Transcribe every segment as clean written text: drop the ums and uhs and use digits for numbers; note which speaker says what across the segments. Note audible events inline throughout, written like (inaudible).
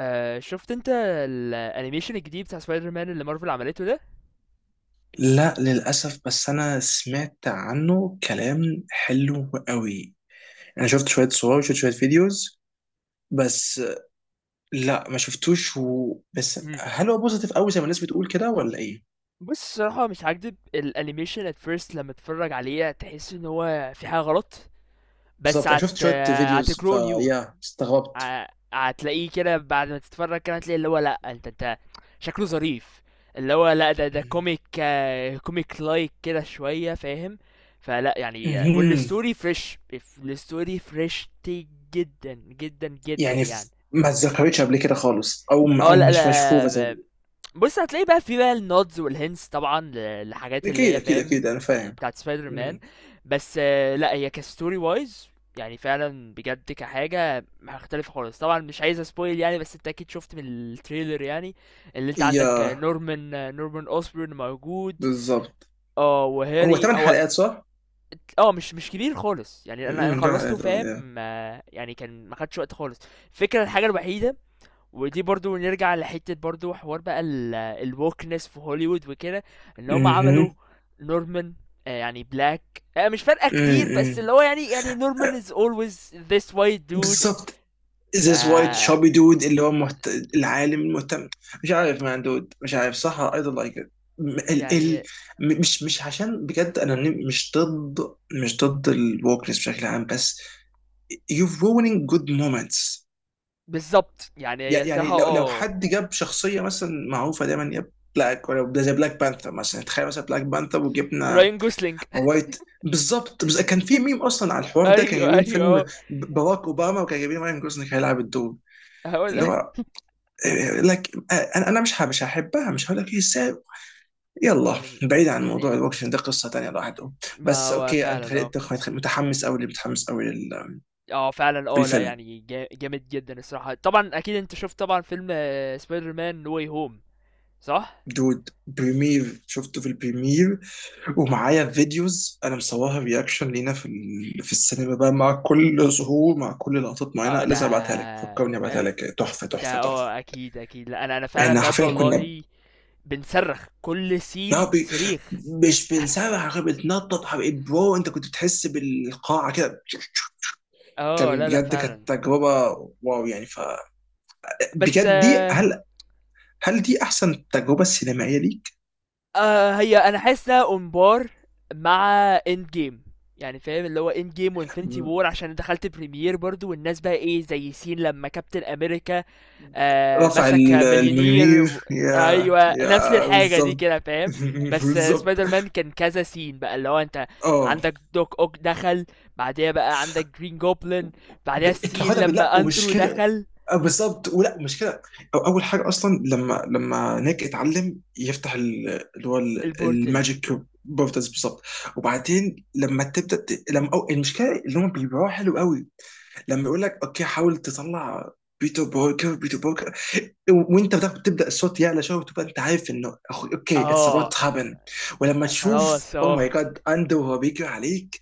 Speaker 1: آه، شفت انت الانيميشن الجديد بتاع سبايدر مان اللي مارفل عملته ده.
Speaker 2: لا للأسف، بس أنا سمعت عنه كلام حلو قوي. أنا شفت شوية صور وشفت شوية فيديوز بس. لا ما شفتوش بس
Speaker 1: مم.
Speaker 2: هل هو بوزيتيف قوي زي ما الناس بتقول كده ولا إيه؟
Speaker 1: بص الصراحه مش هكدب، الانيميشن at first لما تتفرج عليه تحس ان هو في حاجه غلط، بس
Speaker 2: بالظبط، أنا شفت شوية فيديوز
Speaker 1: هتجرو نيو،
Speaker 2: فيا استغربت.
Speaker 1: هتلاقيه كده. بعد ما تتفرج كده هتلاقي اللي هو لا، انت شكله ظريف، اللي هو لا، ده كوميك، كوميك لايك كده شويه، فاهم؟ فلا يعني
Speaker 2: مهم.
Speaker 1: والستوري فريش، الستوري فريش جدا جدا جدا
Speaker 2: يعني
Speaker 1: يعني.
Speaker 2: ما اتذكرتش قبل كده خالص، أو
Speaker 1: اه
Speaker 2: أو
Speaker 1: لا
Speaker 2: مش مشهورة زي...
Speaker 1: لا بص هتلاقي بقى في بقى النودز والهنس طبعا لحاجات اللي
Speaker 2: أكيد
Speaker 1: هي
Speaker 2: أكيد أكيد
Speaker 1: فاهم،
Speaker 2: أنا فاهم.
Speaker 1: بتاعت سبايدر مان.
Speaker 2: مم.
Speaker 1: بس لا هي كستوري وايز يعني فعلا بجد كحاجة مختلفة خالص. طبعا مش عايز اسبويل يعني، بس انت اكيد شفت من التريلر يعني اللي انت عندك،
Speaker 2: يا
Speaker 1: نورمان، نورمان اوسبورن موجود،
Speaker 2: بالظبط.
Speaker 1: اه
Speaker 2: هو
Speaker 1: وهاري
Speaker 2: ثمان
Speaker 1: هو.
Speaker 2: حلقات صح؟
Speaker 1: اه مش كبير خالص يعني، انا
Speaker 2: ده...
Speaker 1: خلصته،
Speaker 2: آه، يا.
Speaker 1: فاهم؟ يعني كان ما خدش وقت خالص. الفكرة، الحاجة الوحيدة، ودي برضو نرجع لحتة برضو، حوار بقى الwokeness في هوليوود وكده، ان هم عملوا
Speaker 2: مهم.
Speaker 1: نورمان يعني بلاك. مش فارقة
Speaker 2: مم،
Speaker 1: كتير، بس
Speaker 2: مم.
Speaker 1: اللي هو يعني، يعني نورمان is always this white dude.
Speaker 2: بالظبط.
Speaker 1: ف
Speaker 2: ذيس وايت شابي دود اللي هو محت... العالم المهتم، مش عارف مان دود، مش عارف صح، اي دونت لايك ات. ال
Speaker 1: يعني
Speaker 2: مش عشان بجد انا، مش ضد، مش ضد الوكنس بشكل عام، بس يو ruining جود مومنتس.
Speaker 1: بالظبط، يعني هي صراحة
Speaker 2: يعني لو
Speaker 1: اه،
Speaker 2: حد جاب شخصيه مثلا معروفه دايما يا بلاك، ولا ده زي بلاك بانثر مثلا. تخيل مثلا بلاك بانثر وجبنا
Speaker 1: راين جوسلينج.
Speaker 2: وايت، بالظبط. بس كان في ميم اصلا على
Speaker 1: (laughs)
Speaker 2: الحوار ده، كان
Speaker 1: ايوه
Speaker 2: جايبين
Speaker 1: ايوه
Speaker 2: فيلم
Speaker 1: اه،
Speaker 2: باراك اوباما، وكان جايبين ماين جوزنك هيلعب الدور
Speaker 1: هو
Speaker 2: اللي
Speaker 1: ده.
Speaker 2: هو... لك انا، مش مش هحبها، مش هقول لك ايه ازاي. يلا
Speaker 1: يعني
Speaker 2: بعيد عن
Speaker 1: يعني
Speaker 2: موضوع الوكشن ده، قصه تانيه لوحده.
Speaker 1: ما
Speaker 2: بس
Speaker 1: هو
Speaker 2: اوكي، انت
Speaker 1: فعلا اه.
Speaker 2: خليت متحمس قوي، متحمس قوي
Speaker 1: اه فعلا اه، لا
Speaker 2: للفيلم.
Speaker 1: يعني جامد جدا الصراحة. طبعا اكيد انت شفت طبعا فيلم سبايدر مان نو واي هوم، صح؟
Speaker 2: دود، بريمير شفته في البريمير، ومعايا فيديوز انا مصورها رياكشن لينا في في السينما بقى، مع كل ظهور، مع كل لقطات
Speaker 1: اه
Speaker 2: معينه،
Speaker 1: ده،
Speaker 2: لازم ابعتها لك. فكرني ابعتها لك، تحفه
Speaker 1: ده
Speaker 2: تحفه تحفه.
Speaker 1: اه اكيد اكيد. لا انا فعلا
Speaker 2: احنا
Speaker 1: بجد
Speaker 2: حرفيا كنا
Speaker 1: والله بنصرخ كل
Speaker 2: ما
Speaker 1: سين
Speaker 2: بي،
Speaker 1: صريخ.
Speaker 2: مش بنسرح غير بنتنطط. حبيبي برو، انت كنت بتحس بالقاعه كده.
Speaker 1: اه
Speaker 2: كان
Speaker 1: لا
Speaker 2: بجد كانت
Speaker 1: فعلا.
Speaker 2: تجربة، واو، يعني ف-
Speaker 1: بس
Speaker 2: بجد دي،
Speaker 1: آه،
Speaker 2: هل، هل دي أحسن تجربة سينمائية ليك؟
Speaker 1: آه هي انا حاسس انها امبار مع اند جيم، يعني فاهم؟ اللي هو اند جيم وانفينيتي وور، عشان دخلت بريمير برضو والناس بقى ايه، زي سين لما كابتن امريكا
Speaker 2: رفع
Speaker 1: مسك مليونير و...
Speaker 2: المنير، يا
Speaker 1: ايوه نفس
Speaker 2: يا،
Speaker 1: الحاجه دي
Speaker 2: بالظبط.
Speaker 1: كده، فاهم؟
Speaker 2: (laughs)
Speaker 1: بس
Speaker 2: بالظبط.
Speaker 1: سبايدر مان كان كذا سين بقى، اللي هو انت
Speaker 2: اه،
Speaker 1: عندك دوك اوك دخل، بعديها بقى عندك جرين جوبلin، بعديها
Speaker 2: انت
Speaker 1: السين
Speaker 2: خدها بالله
Speaker 1: لما
Speaker 2: ومش
Speaker 1: اندرو
Speaker 2: كده،
Speaker 1: دخل
Speaker 2: آه، بالظبط، ولا مش كده. أو اول حاجه اصلا، لما نيك اتعلم يفتح اللي هو
Speaker 1: البورتل.
Speaker 2: الماجيك، بورتالز، بالظبط. وبعدين لما تبدا لما أو المشكله اللي هم بيبيعوها حلو قوي، لما يقول لك اوكي حاول تطلع، بيتر بوركر، وانت بتاخد تبدا الصوت يعلى شويه، وتبقى انت عارف انه اوكي اتس
Speaker 1: اه
Speaker 2: اباوت هابن. ولما تشوف
Speaker 1: خلاص
Speaker 2: او
Speaker 1: اه.
Speaker 2: ماي جاد اندو وهو بيجري عليك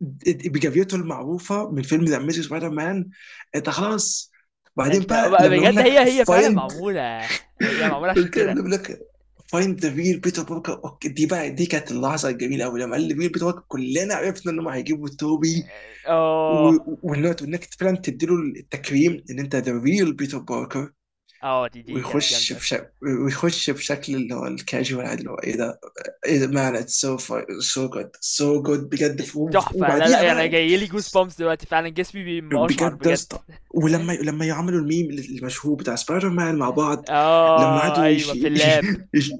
Speaker 2: بجريته المعروفه من فيلم ذا اميزنج سبايدر مان، انت خلاص. بعدين
Speaker 1: انت
Speaker 2: بقى
Speaker 1: بقى
Speaker 2: لما يقول
Speaker 1: بجد، هي
Speaker 2: لك
Speaker 1: هي فعلا
Speaker 2: فايند،
Speaker 1: معموله، هي معموله عشان
Speaker 2: الكلمه اللي
Speaker 1: كده.
Speaker 2: بيقول لك فايند ذا ريل بيتر بوركر، اوكي، دي كانت اللحظه الجميله قوي. لما قال لي ريل بيتر بوركر، كلنا عرفنا انهم هيجيبوا توبي.
Speaker 1: اه
Speaker 2: والنوت، وانك فعلا تديله التكريم ان انت ذا ريل بيتر باركر.
Speaker 1: اه، دي
Speaker 2: ويخش
Speaker 1: جامده
Speaker 2: بشكل ويخش بشكل اللي هو الكاجوال عادي، اللي هو ايه ده، ايه ده مان، اتس سو، سو جود بجد ف-.
Speaker 1: تحفه. لا
Speaker 2: وبعديها
Speaker 1: يعني،
Speaker 2: بقى،
Speaker 1: جايلي جوز بامس دلوقتي، فعلا جسمي بيبقى اشعر
Speaker 2: بجد يا
Speaker 1: بجد.
Speaker 2: اسطى. ولما يعملوا الميم المشهور بتاع سبايدر مان مع بعض. لما
Speaker 1: اه
Speaker 2: قعدوا يش...
Speaker 1: أيوه في اللاب.
Speaker 2: (laughs) يش...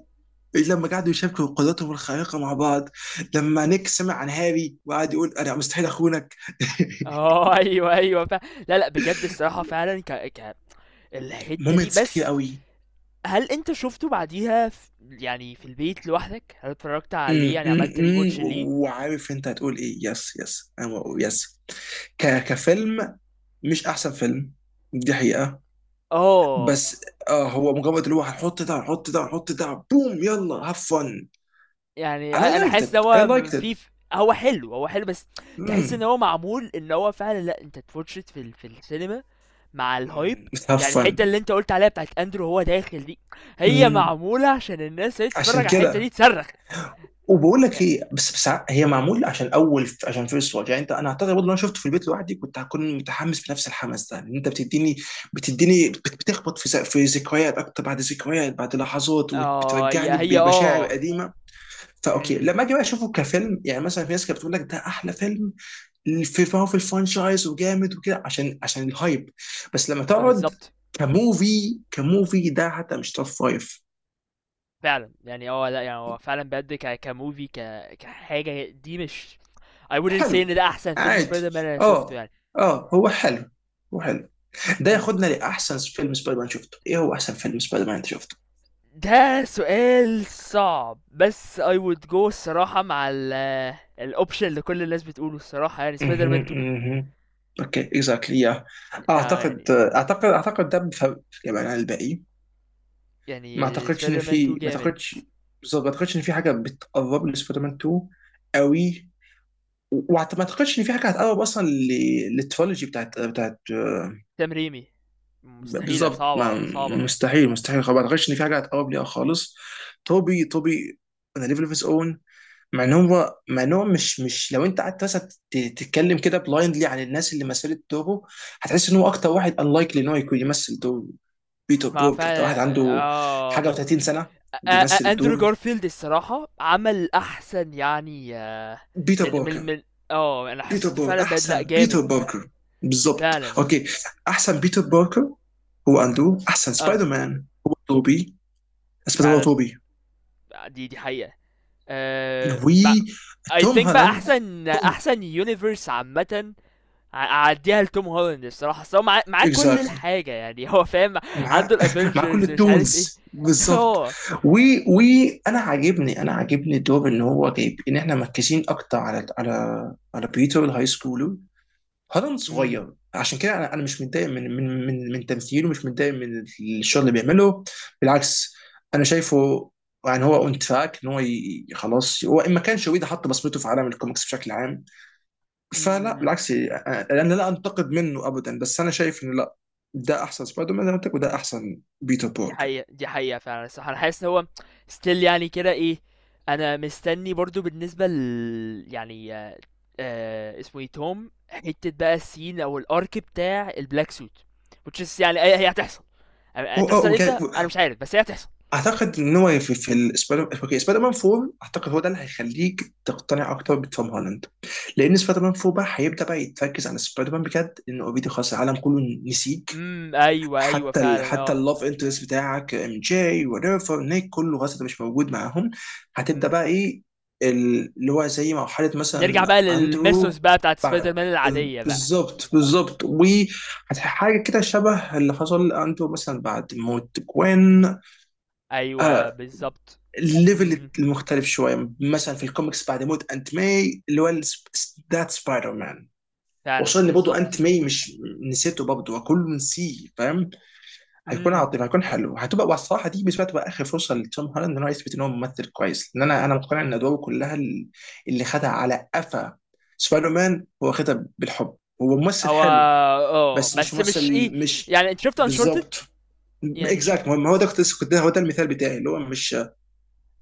Speaker 2: لما قعدوا يشاركوا قدراتهم الخارقه مع بعض. لما نيك سمع عن هاري وقعد يقول انا مستحيل اخونك.
Speaker 1: اه (laughs) أيوه أيوه ف... لا لأ بجد الصراحة فعلًا، ك ك
Speaker 2: (laughs)
Speaker 1: الحتّة دي.
Speaker 2: مومنتس كتير
Speaker 1: بس
Speaker 2: قوي.
Speaker 1: هل أنت شُفته بعديها، يعني في البيت لوحدك؟ هل اتفرّجت عليه يعني، عملت rewatch ليه؟
Speaker 2: وعارف انت هتقول ايه، يس يس، انا بقول يس. ك كفيلم، مش احسن فيلم، دي حقيقة.
Speaker 1: آه،
Speaker 2: بس اه هو مجرد اللي هو هنحط ده، هنحط ده، هنحط ده، بوم يلا هاف فن
Speaker 1: يعني،
Speaker 2: and I
Speaker 1: أنا
Speaker 2: liked
Speaker 1: حاسس إن
Speaker 2: it I
Speaker 1: هو م
Speaker 2: liked it.
Speaker 1: في ف هو حلو، هو حلو، بس تحس إن
Speaker 2: امم
Speaker 1: هو معمول، إن هو فعلًا لأ، أنت تwatch it في السينما مع الhype.
Speaker 2: have
Speaker 1: يعني
Speaker 2: fun.
Speaker 1: الحتّة اللي أنت قُلت عليها، بتاعة أندرو وهو داخل دي، هي
Speaker 2: امم،
Speaker 1: معمولة عشان الناس اللي هي
Speaker 2: عشان
Speaker 1: تتفرّج على الحتّة
Speaker 2: كده.
Speaker 1: دي تصرّخ.
Speaker 2: وبقول لك ايه، بس هي معمول عشان اول، عشان فيرست واتش. يعني انت، انا اعتقد برضه لو انا شفته في البيت لوحدي كنت هكون متحمس بنفس الحماس ده، ان انت بتديني، بتخبط في في ذكريات اكتر، بعد ذكريات، بعد لحظات،
Speaker 1: اه هي
Speaker 2: وبترجعني
Speaker 1: هي
Speaker 2: بمشاعر
Speaker 1: اه.
Speaker 2: قديمه. فاوكي،
Speaker 1: امم،
Speaker 2: لما اجي بقى اشوفه كفيلم، يعني مثلا في ناس كانت بتقول لك ده احلى فيلم في الفرانشايز، وجامد وكده، عشان الهايب. بس لما تقعد
Speaker 1: بالظبط.
Speaker 2: كموفي، كموفي ده حتى مش توب فايف.
Speaker 1: فعلا يعني اه، لا يعني هو فعلا بجد كموفي، كحاجه دي مش، I wouldn't say
Speaker 2: حلو،
Speaker 1: ان ده احسن فيلم
Speaker 2: عادي،
Speaker 1: سبايدر مان انا شوفته
Speaker 2: اه،
Speaker 1: يعني.
Speaker 2: اه هو
Speaker 1: لا
Speaker 2: حلو، هو حلو. ده
Speaker 1: امم،
Speaker 2: ياخدنا لاحسن فيلم سبايدر مان شفته. ايه هو احسن فيلم سبايدر مان انت شفته؟
Speaker 1: ده سؤال صعب، بس I would go الصراحه مع الاوبشن اللي كل الناس بتقوله الصراحه، يعني سبايدر مان
Speaker 2: اها
Speaker 1: 2.
Speaker 2: اها، اوكي اكزاكتلي، يا.
Speaker 1: آه
Speaker 2: اعتقد
Speaker 1: يعني،
Speaker 2: اعتقد اعتقد ده بفرق يعني عن الباقي. ما
Speaker 1: يعني
Speaker 2: اعتقدش ان
Speaker 1: سبايدر مان 2
Speaker 2: في ما
Speaker 1: جامد،
Speaker 2: اعتقدش بالظبط، ما اعتقدش ان في حاجه بتقرب لسبايدر مان 2 قوي. وما اعتقدش ان في حاجه هتقرب اصلا للترولوجي بتاعت
Speaker 1: سام ريمي، مستحيله،
Speaker 2: بالظبط ما
Speaker 1: صعبه صعبه.
Speaker 2: مستحيل مستحيل خلاص. ما اعتقدش ان في حاجه هتقرب ليها خالص. توبي انا ليفل اوف اون. مع ان هو مش لو انت قعدت مثلا تتكلم كده بلايندلي عن الناس اللي مثلت توبو، هتحس ان هو اكتر واحد انلايكلي ان هو يكون يمثل دور بيتر
Speaker 1: ما
Speaker 2: بوركر. ده واحد
Speaker 1: فعلا
Speaker 2: عنده
Speaker 1: اه،
Speaker 2: حاجه
Speaker 1: ما...
Speaker 2: و30 سنه
Speaker 1: آ-
Speaker 2: بيمثل
Speaker 1: اندرو
Speaker 2: الدور.
Speaker 1: جارفيلد الصراحة عمل احسن يعني،
Speaker 2: بيتر
Speaker 1: من من
Speaker 2: بوركر
Speaker 1: من اه انا
Speaker 2: بيتر
Speaker 1: حسيته فعلا
Speaker 2: بوركر
Speaker 1: بدلع
Speaker 2: احسن بيتر
Speaker 1: جامد
Speaker 2: بوركر. بالظبط
Speaker 1: فعلا.
Speaker 2: اوكي، احسن بيتر بوركر هو اندرو. احسن سبايدر
Speaker 1: اندرو
Speaker 2: مان هو توبي، سبايدر مان هو
Speaker 1: فعلا،
Speaker 2: توبي.
Speaker 1: دي حقيقة. أه... اي
Speaker 2: وتوم
Speaker 1: ثينك بقى
Speaker 2: هالاند
Speaker 1: احسن احسن يونيفرس عامة، اعديها لتوم هولاند الصراحة، أصل هو معاه كل
Speaker 2: اكزاكتلي،
Speaker 1: الحاجة يعني. (laughs) هو فاهم، عنده
Speaker 2: مع (laughs) مع كل
Speaker 1: الافنجرز مش عارف ايه.
Speaker 2: التولز
Speaker 1: (laughs)
Speaker 2: بالظبط.
Speaker 1: هو
Speaker 2: و وانا عاجبني دور ان هو جايب ان احنا مركزين اكتر على على بيتر الهاي سكول. هالاند صغير عشان كده انا، مش متضايق من من تمثيله، مش متضايق من الشغل اللي بيعمله، بالعكس. انا شايفه يعني هو اون تراك ان هو خلاص هو ان ما كانش ويدا حط بصمته في عالم الكوميكس بشكل عام. فلا،
Speaker 1: امم،
Speaker 2: بالعكس، يعني انا لا انتقد منه ابدا، بس انا شايف انه لا، ده احسن سبايدر مان زي ما قلت لك، وده احسن بيتر
Speaker 1: دي
Speaker 2: باركر.
Speaker 1: حقيقة، دي حقيقة فعلًا. الصراحة أنا حاسس إن هو still يعني كده إيه، أنا مستني برضه بالنسبة يعني، اسمه إيه توم، حتة بقى الscene أو الarc بتاع الblack suit، which is يعني، هي هتحصل.
Speaker 2: آه،
Speaker 1: هتحصل إمتى؟ أنا مش عارف، بس هي هتحصل.
Speaker 2: اعتقد ان هو في السبايدر اوكي سبايدر مان 4، اعتقد هو ده اللي هيخليك تقتنع اكتر بتوم هولاند. لان سبايدر مان 4 بقى هيبدا بقى يتركز على سبايدر مان بجد، لان اوريدي خلاص العالم كله نسيك.
Speaker 1: إمم، أيوه، أيوه
Speaker 2: حتى
Speaker 1: فعلًا
Speaker 2: حتى
Speaker 1: آه،
Speaker 2: اللاف انترست بتاعك ام جي وريفر نيك، كله خلاص انت مش موجود معاهم. هتبدا
Speaker 1: إمم،
Speaker 2: بقى ايه اللي هو زي مرحله
Speaker 1: نرجع
Speaker 2: مثلا
Speaker 1: بقى للMythos
Speaker 2: اندرو
Speaker 1: بقى بتاعة spider
Speaker 2: بعد.
Speaker 1: man العادية بقى.
Speaker 2: بالظبط، بالظبط، وحاجه كده شبه اللي حصل لاندرو مثلا بعد موت جوين.
Speaker 1: أيوه
Speaker 2: آه،
Speaker 1: بالضبط، إمم،
Speaker 2: الليفل
Speaker 1: إمم،
Speaker 2: المختلف شويه مثلا في الكوميكس بعد موت انت ماي اللي هو ذات سبايدر مان.
Speaker 1: فعلًا
Speaker 2: وصلني برضه انت
Speaker 1: بالضبط،
Speaker 2: ماي مش نسيته برضه وكله نسيه، فاهم. هيكون
Speaker 1: إمم.
Speaker 2: عاطفي، هيكون حلو، هتبقى. والصراحه دي بالنسبه لي تبقى اخر فرصه لتوم هولاند ان هو يثبت ان هو ممثل كويس. لان انا، مقتنع ان ادواره كلها اللي خدها على قفا. سبايدر مان هو خدها بالحب. هو ممثل
Speaker 1: هو
Speaker 2: حلو،
Speaker 1: اه،
Speaker 2: بس مش
Speaker 1: بس
Speaker 2: ممثل،
Speaker 1: مش ايه،
Speaker 2: مش...
Speaker 1: يعني انت شفت انشورتد
Speaker 2: بالظبط،
Speaker 1: يعني،
Speaker 2: اكزاكت،
Speaker 1: شفت
Speaker 2: هو ده كنت كنت ده هو ده المثال بتاعي اللي هو مش.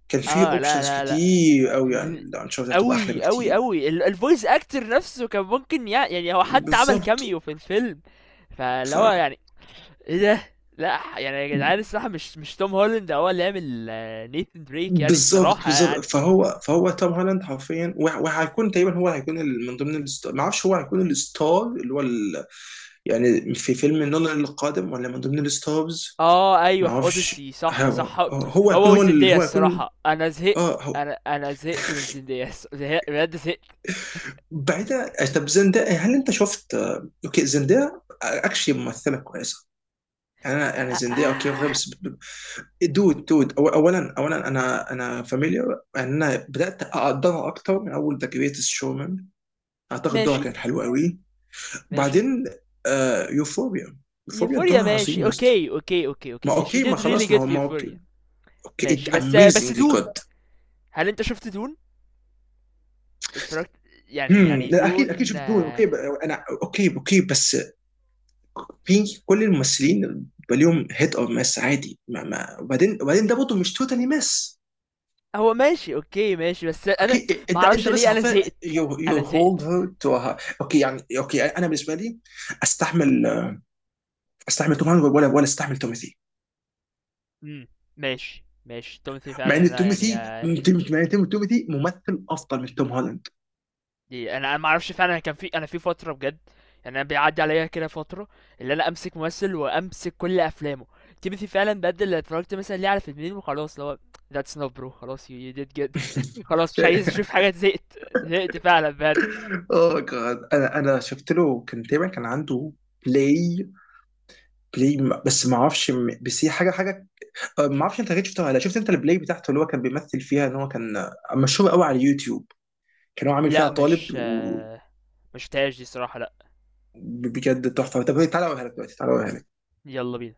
Speaker 2: كان في
Speaker 1: اه لا
Speaker 2: اوبشنز
Speaker 1: لا لا
Speaker 2: كتير قوي يعني،
Speaker 1: مم.
Speaker 2: لو هنشوف ده هتبقى احلى
Speaker 1: قوي قوي
Speaker 2: بكتير.
Speaker 1: قوي الفويس اكتر نفسه، كان ممكن يعني هو حتى عمل
Speaker 2: بالظبط
Speaker 1: كاميو في الفيلم. فاللي
Speaker 2: ف،
Speaker 1: هو يعني ايه ده، لا يعني يا جدعان الصراحه مش، مش توم هولاند هو اللي عامل نيثن دريك يعني
Speaker 2: بالظبط
Speaker 1: الصراحه
Speaker 2: بالظبط
Speaker 1: يعني.
Speaker 2: فهو توم هولاند حرفيا، وهيكون تقريبا هو هيكون من ضمن الستار. ما اعرفش هو هيكون الستار اللي هو ال... يعني في فيلم نولان القادم، ولا من ضمن الستارز
Speaker 1: اه ايوه
Speaker 2: ما
Speaker 1: في
Speaker 2: اعرفش.
Speaker 1: اوديسي، صح
Speaker 2: هو
Speaker 1: صح.
Speaker 2: هو هيكون
Speaker 1: هو
Speaker 2: هو ال...
Speaker 1: وزندية
Speaker 2: هو هيكون
Speaker 1: الصراحه انا زهقت،
Speaker 2: اه، هو.
Speaker 1: انا زهقت من زندية. (laughs) بجد زهقت.
Speaker 2: بعيدا طب، زندايا، هل انت شفت آه، اوكي، زندايا اكشلي ممثله كويسه. يعني انا يعني
Speaker 1: آه،
Speaker 2: زندايا اوكي واخدها،
Speaker 1: آه،
Speaker 2: بس دود، دود، أو اولا انا، فاميليار. يعني انا بدات اقدرها اكتر من اول ذا جريتست شومان، اعتقد دورها
Speaker 1: ماشي
Speaker 2: كانت حلوه قوي.
Speaker 1: ماشي،
Speaker 2: وبعدين آه يوفوريا، يوفوريا
Speaker 1: يوفوريا
Speaker 2: دورها
Speaker 1: ماشي،
Speaker 2: عظيم يا اسطى.
Speaker 1: اوكي اوكي اوكي
Speaker 2: ما
Speaker 1: اوكي، she
Speaker 2: اوكي، ما
Speaker 1: did
Speaker 2: خلاص،
Speaker 1: really
Speaker 2: ما هو
Speaker 1: good في
Speaker 2: ما اوكي،
Speaker 1: يوفوريا.
Speaker 2: اوكي
Speaker 1: ماشي، بس
Speaker 2: اميزنجلي
Speaker 1: دون،
Speaker 2: جود.
Speaker 1: هل انت شفت دون، اتفرجت، يعني
Speaker 2: لا اكيد اكيد
Speaker 1: دون
Speaker 2: شفت دون.
Speaker 1: آه،
Speaker 2: اوكي، انا اوكي، اوكي، بس في كل الممثلين بيبقى ليهم هيت اور مس عادي. ما ما وبعدين ده برضه مش توتالي مس.
Speaker 1: هو ماشي اوكي، ماشي بس انا
Speaker 2: اوكي
Speaker 1: ما
Speaker 2: انت،
Speaker 1: اعرفش
Speaker 2: انت بس
Speaker 1: ليه، انا
Speaker 2: حرفيا،
Speaker 1: زهقت،
Speaker 2: يو
Speaker 1: انا
Speaker 2: هولد
Speaker 1: زهقت.
Speaker 2: هير تو. اوكي يعني، اوكي انا بالنسبه لي استحمل، استحمل توم هانكس، ولا استحمل توماثي.
Speaker 1: امم، ماشي ماشي، تومثي
Speaker 2: مع
Speaker 1: فعلا
Speaker 2: ان
Speaker 1: لا يعني
Speaker 2: تومثي، مع ان
Speaker 1: آه،
Speaker 2: تومثي ممثل افضل من توم هولاند.
Speaker 1: دي انا، ما اعرفش فعلا. أنا كان في، انا في فتره بجد يعني، انا بيعدي عليا كده فتره، اللي انا امسك ممثل وامسك كل افلامه. تيموثي فعلا بجد، اللي اتفرجت مثلا ليه على فيلمين وخلاص، اللي هو that's enough bro، خلاص you did good. (laughs) خلاص مش عايز اشوف
Speaker 2: (laughs)
Speaker 1: حاجه، زهقت زهقت فعلا بجد.
Speaker 2: اوه جاد، انا، شفت له كان تقريبا كان عنده بلاي، بس ما اعرفش، بس هي حاجه، حاجه. آه، ما اعرفش انت جيت شفتها ولا لا. شفت انت البلاي بتاعته اللي هو كان بيمثل فيها ان هو كان آه، مشهور قوي على اليوتيوب، كان هو عامل فيها
Speaker 1: لا
Speaker 2: طالب
Speaker 1: مش
Speaker 2: و...
Speaker 1: آه، مش تاج دي صراحه، لا.
Speaker 2: بجد تحفه. طب تعالى اوريها لك دلوقتي، تعالى اوريها لك.
Speaker 1: يلا بينا.